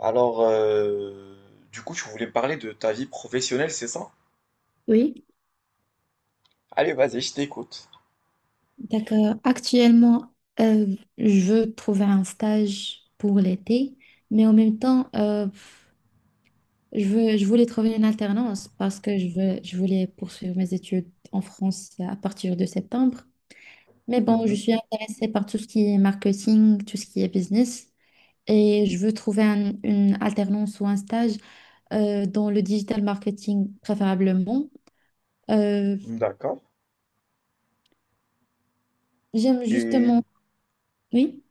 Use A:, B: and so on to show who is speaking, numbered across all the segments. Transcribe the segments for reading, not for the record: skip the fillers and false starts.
A: Alors, euh, du coup, tu voulais me parler de ta vie professionnelle, c'est ça?
B: Oui.
A: Allez, vas-y, je t'écoute.
B: Donc, actuellement, euh, je veux trouver un stage pour l'été, mais en même temps, je voulais trouver une alternance parce que je voulais poursuivre mes études en France à partir de septembre. Mais bon, je
A: Mhm.
B: suis intéressée par tout ce qui est marketing, tout ce qui est business, et je veux trouver une alternance ou un stage dans le digital marketing préférablement. Euh,
A: D'accord.
B: J'aime
A: Et
B: justement. Oui.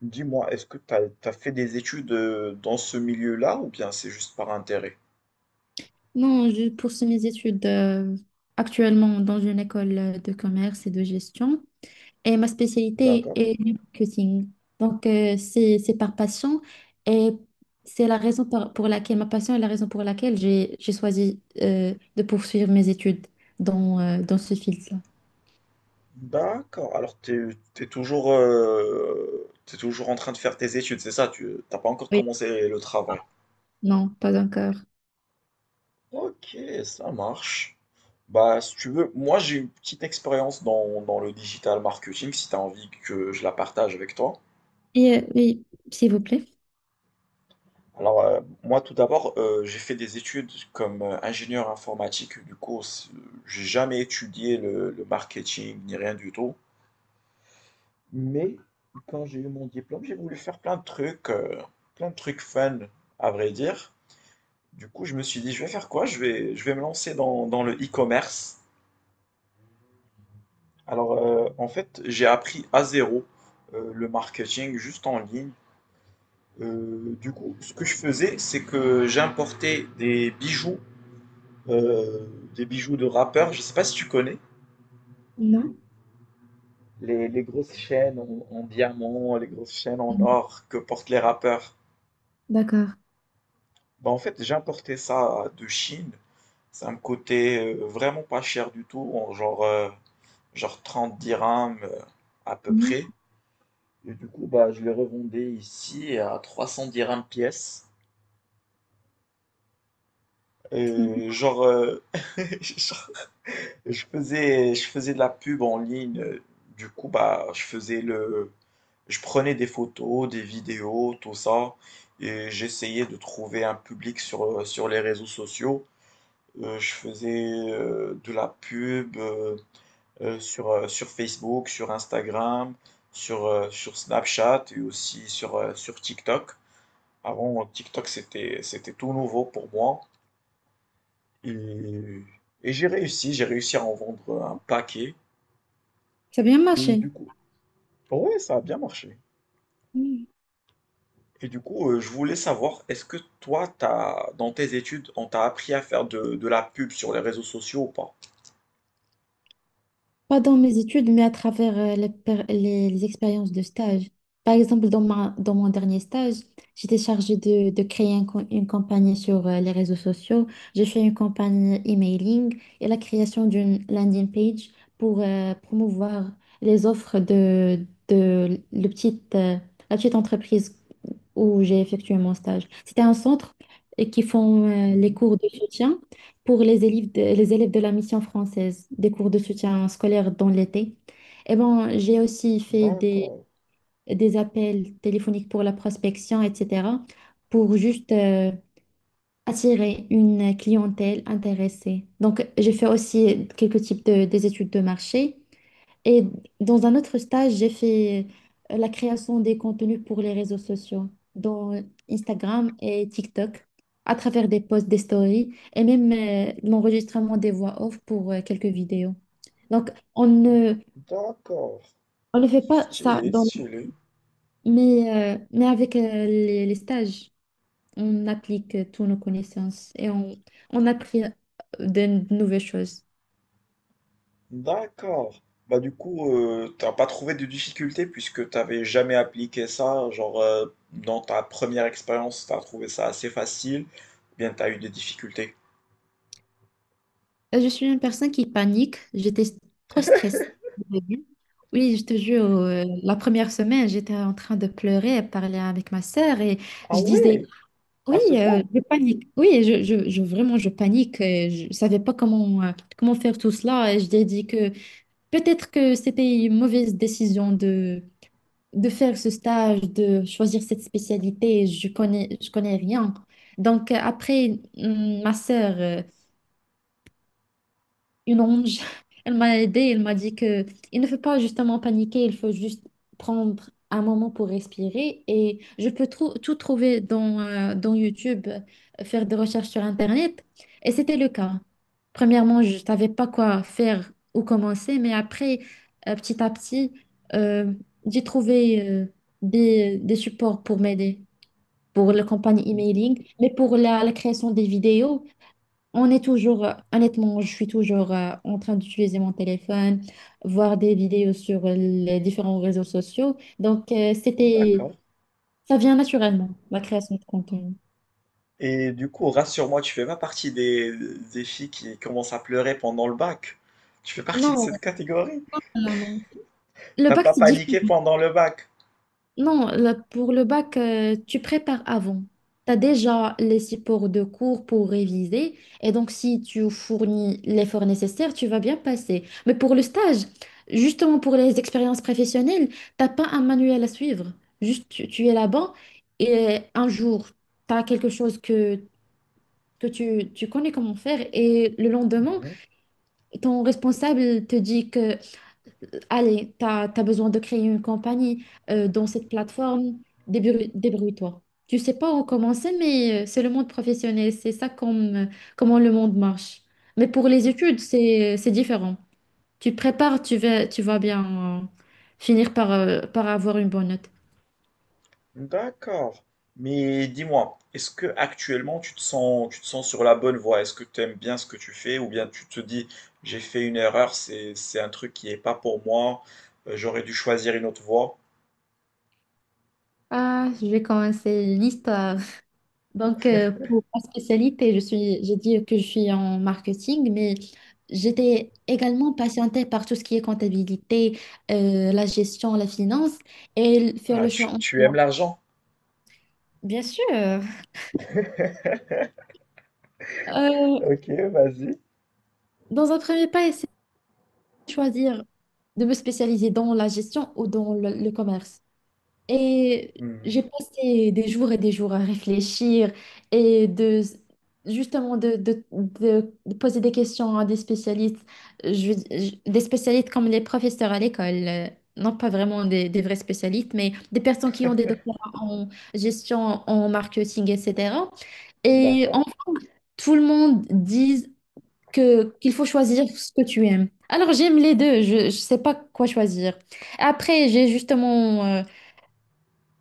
A: dis-moi, est-ce que tu as, fait des études dans ce milieu-là ou bien c'est juste par intérêt?
B: Non, je poursuis mes études actuellement dans une école de commerce et de gestion. Et ma spécialité
A: D'accord.
B: est le marketing. Donc, c'est par passion. Et c'est la raison pour laquelle, ma passion est la raison pour laquelle j'ai choisi de poursuivre mes études dans ce fil-là.
A: D'accord. Alors, tu es, toujours, t'es toujours en train de faire tes études, c'est ça? Tu t'as pas encore
B: Oui.
A: commencé le travail.
B: Non, pas encore.
A: Ok, ça marche. Bah, si tu veux, moi j'ai une petite expérience dans le digital marketing, si tu as envie que je la partage avec toi.
B: Et, oui, s'il vous plaît.
A: Moi tout d'abord, j'ai fait des études comme ingénieur informatique. J'ai jamais étudié le marketing ni rien du tout. Mais quand j'ai eu mon diplôme, j'ai voulu faire plein de trucs fun, à vrai dire. Du coup, je me suis dit, je vais faire quoi? Je vais me lancer dans le e-commerce. Alors, en fait, j'ai appris à zéro le marketing juste en ligne. Du coup, ce que je faisais, c'est que j'importais euh, des bijoux de rappeurs. Je sais pas si tu connais
B: Non.
A: les grosses chaînes en diamant, les grosses chaînes en
B: Mhm.
A: or que portent les rappeurs.
B: D'accord.
A: Bah, en fait, j'ai importé ça de Chine. Ça me coûtait vraiment pas cher du tout, en genre, genre 30 dirhams à peu
B: Mhm.
A: près. Et du coup, bah, je les revendais ici à 300 dirhams pièce. Et genre, genre, je faisais de la pub en ligne. Du coup, bah, je prenais des photos, des vidéos, tout ça. Et j'essayais de trouver un public sur, sur les réseaux sociaux. Je faisais, de la pub, sur, sur Facebook, sur Instagram, sur, sur Snapchat et aussi sur, sur TikTok. Avant, TikTok, c'était tout nouveau pour moi et j'ai réussi à en vendre, un paquet
B: C'est bien
A: et
B: marché.
A: du coup ouais, ça a bien marché et du coup, je voulais savoir, est-ce que toi, t'as dans tes études, on t'a appris à faire de la pub sur les réseaux sociaux ou pas?
B: Pas dans mes études, mais à travers les expériences de stage. Par exemple, dans mon dernier stage, j'étais chargée de créer une campagne sur les réseaux sociaux. J'ai fait une campagne emailing et la création d'une landing page pour promouvoir les offres la petite entreprise où j'ai effectué mon stage. C'était un centre qui font les
A: Mhm.
B: cours de soutien pour les élèves de la mission française, des cours de soutien scolaire dans l'été. Et bon, j'ai aussi fait
A: D'accord,
B: des appels téléphoniques pour la prospection, etc., pour juste attirer une clientèle intéressée. Donc, j'ai fait aussi des études de marché. Et dans un autre stage, j'ai fait la création des contenus pour les réseaux sociaux, dont Instagram et TikTok, à travers des posts, des stories et même l'enregistrement des voix off pour quelques vidéos. Donc, on ne,
A: d'accord.
B: on ne fait pas ça,
A: Stylé, stylé.
B: mais avec les stages, on applique toutes nos connaissances et on apprit de, de nouvelles choses.
A: D'accord. Bah du coup, t'as pas trouvé de difficulté puisque t'avais jamais appliqué ça. Genre, dans ta première expérience, t'as trouvé ça assez facile. Ou bien, t'as eu des difficultés.
B: Je suis une personne qui panique, j'étais trop stressée. Oui, je te jure, la première semaine, j'étais en train de pleurer et parler avec ma sœur et
A: Ah
B: je disais,
A: ouais, à
B: oui,
A: ce point.
B: je panique, oui, vraiment, je panique, je ne savais pas comment, comment faire tout cela et je lui ai dit que peut-être que c'était une mauvaise décision de faire ce stage, de choisir cette spécialité, je connais rien. Donc après, ma sœur, une ange. Elle m'a aidée, elle m'a dit que il ne faut pas justement paniquer, il faut juste prendre un moment pour respirer. Et je peux tout trouver dans YouTube, faire des recherches sur Internet. Et c'était le cas. Premièrement, je ne savais pas quoi faire ou commencer, mais après, petit à petit, euh, j'ai trouvé des supports pour m'aider, pour la campagne emailing, mais pour la création des vidéos. Honnêtement, je suis toujours en train d'utiliser mon téléphone, voir des vidéos sur les différents réseaux sociaux. Donc,
A: D'accord.
B: ça vient naturellement, la création de contenu.
A: Et du coup, rassure-moi, tu fais pas partie des filles qui commencent à pleurer pendant le bac. Tu fais partie de
B: Non,
A: cette catégorie.
B: non, non. Le
A: T'as pas
B: pacte.
A: paniqué pendant le bac.
B: Non, pour le bac, tu prépares avant. Tu as déjà les supports de cours pour réviser. Et donc, si tu fournis l'effort nécessaire, tu vas bien passer. Mais pour le stage, justement pour les expériences professionnelles, t'as pas un manuel à suivre. Juste, tu es là-bas et un jour, tu as quelque chose que tu connais comment faire. Et le lendemain,
A: Mhm.
B: ton responsable te dit que, allez, tu as besoin de créer une compagnie dans cette plateforme. Débrouille-toi. Tu sais pas où commencer, mais c'est le monde professionnel. C'est ça comme, comment le monde marche. Mais pour les études, c'est différent. Tu prépares, tu vas bien finir par avoir une bonne note.
A: D'accord. Mais dis-moi, est-ce que actuellement tu te sens sur la bonne voie? Est-ce que tu aimes bien ce que tu fais ou bien tu te dis j'ai fait une erreur, c'est un truc qui n'est pas pour moi, j'aurais dû choisir une autre voie.
B: Ah, je vais commencer une histoire. Donc, pour ma spécialité, j'ai dit que je suis en marketing, mais j'étais également passionnée par tout ce qui est comptabilité, la gestion, la finance et faire
A: Ah,
B: le choix.
A: tu aimes
B: en-
A: l'argent?
B: Bien sûr. Euh,
A: Ok, vas-y.
B: Dans un premier pas, essayer de choisir de me spécialiser dans la gestion ou dans le commerce. Et
A: Mhm.
B: j'ai passé des jours et des jours à réfléchir et de justement de poser des questions à des spécialistes. Des spécialistes comme les professeurs à l'école, non pas vraiment des vrais spécialistes, mais des personnes qui ont des doctorats en gestion, en marketing, etc. Et
A: D'accord.
B: en fait, tout le monde dit que qu'il faut choisir ce que tu aimes. Alors j'aime les deux, je ne sais pas quoi choisir. Après,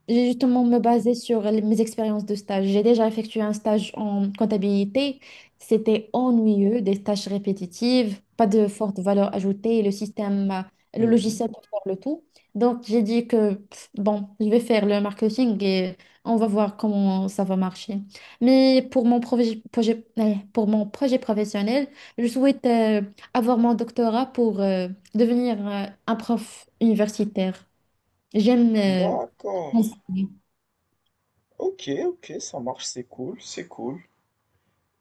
B: j'ai justement me baser sur mes expériences de stage. J'ai déjà effectué un stage en comptabilité. C'était ennuyeux, des tâches répétitives, pas de forte valeur ajoutée, et le
A: Mhm.
B: logiciel pour faire le tout. Donc j'ai dit que bon, je vais faire le marketing et on va voir comment ça va marcher. Mais pour mon projet professionnel, je souhaite avoir mon doctorat pour devenir un prof universitaire. J'aime
A: D'accord.
B: enseigner.
A: Ok, ok, ça marche, c'est cool, c'est cool.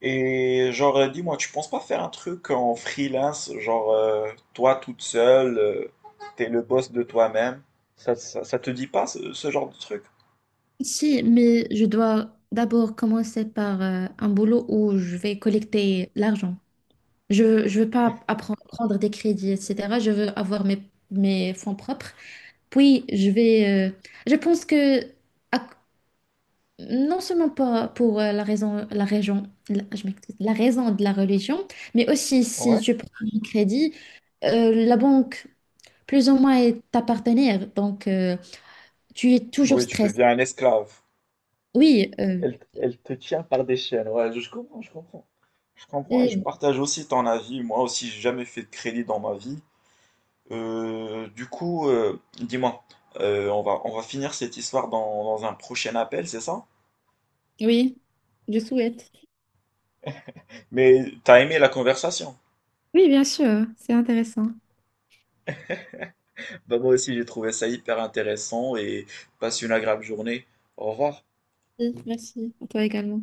A: Et genre, dis-moi, tu penses pas faire un truc en freelance, genre toi toute seule, t'es le boss de toi-même? Ça te dit pas ce genre de truc?
B: Si, mais je dois d'abord commencer par un boulot où je vais collecter l'argent. Je veux pas prendre des crédits, etc. Je veux avoir mes fonds propres. Puis, je pense que... à- non seulement pas pour la raison, je m'excuse, la raison de la religion, mais aussi si
A: Ouais.
B: tu prends un crédit, la banque, plus ou moins, est ta partenaire. Donc, tu es toujours
A: Oui, tu
B: stressé.
A: deviens un esclave.
B: Oui.
A: Elle te tient par des chaînes, ouais, je comprends, je comprends. Je comprends et je partage aussi ton avis. Moi aussi, j'ai jamais fait de crédit dans ma vie. Dis-moi, on va finir cette histoire dans un prochain appel, c'est ça?
B: Oui, je souhaite.
A: Mais t'as aimé la conversation.
B: Oui, bien sûr, c'est intéressant.
A: Bah moi aussi j'ai trouvé ça hyper intéressant et passe une agréable journée. Au revoir.
B: Oui, merci. À toi également.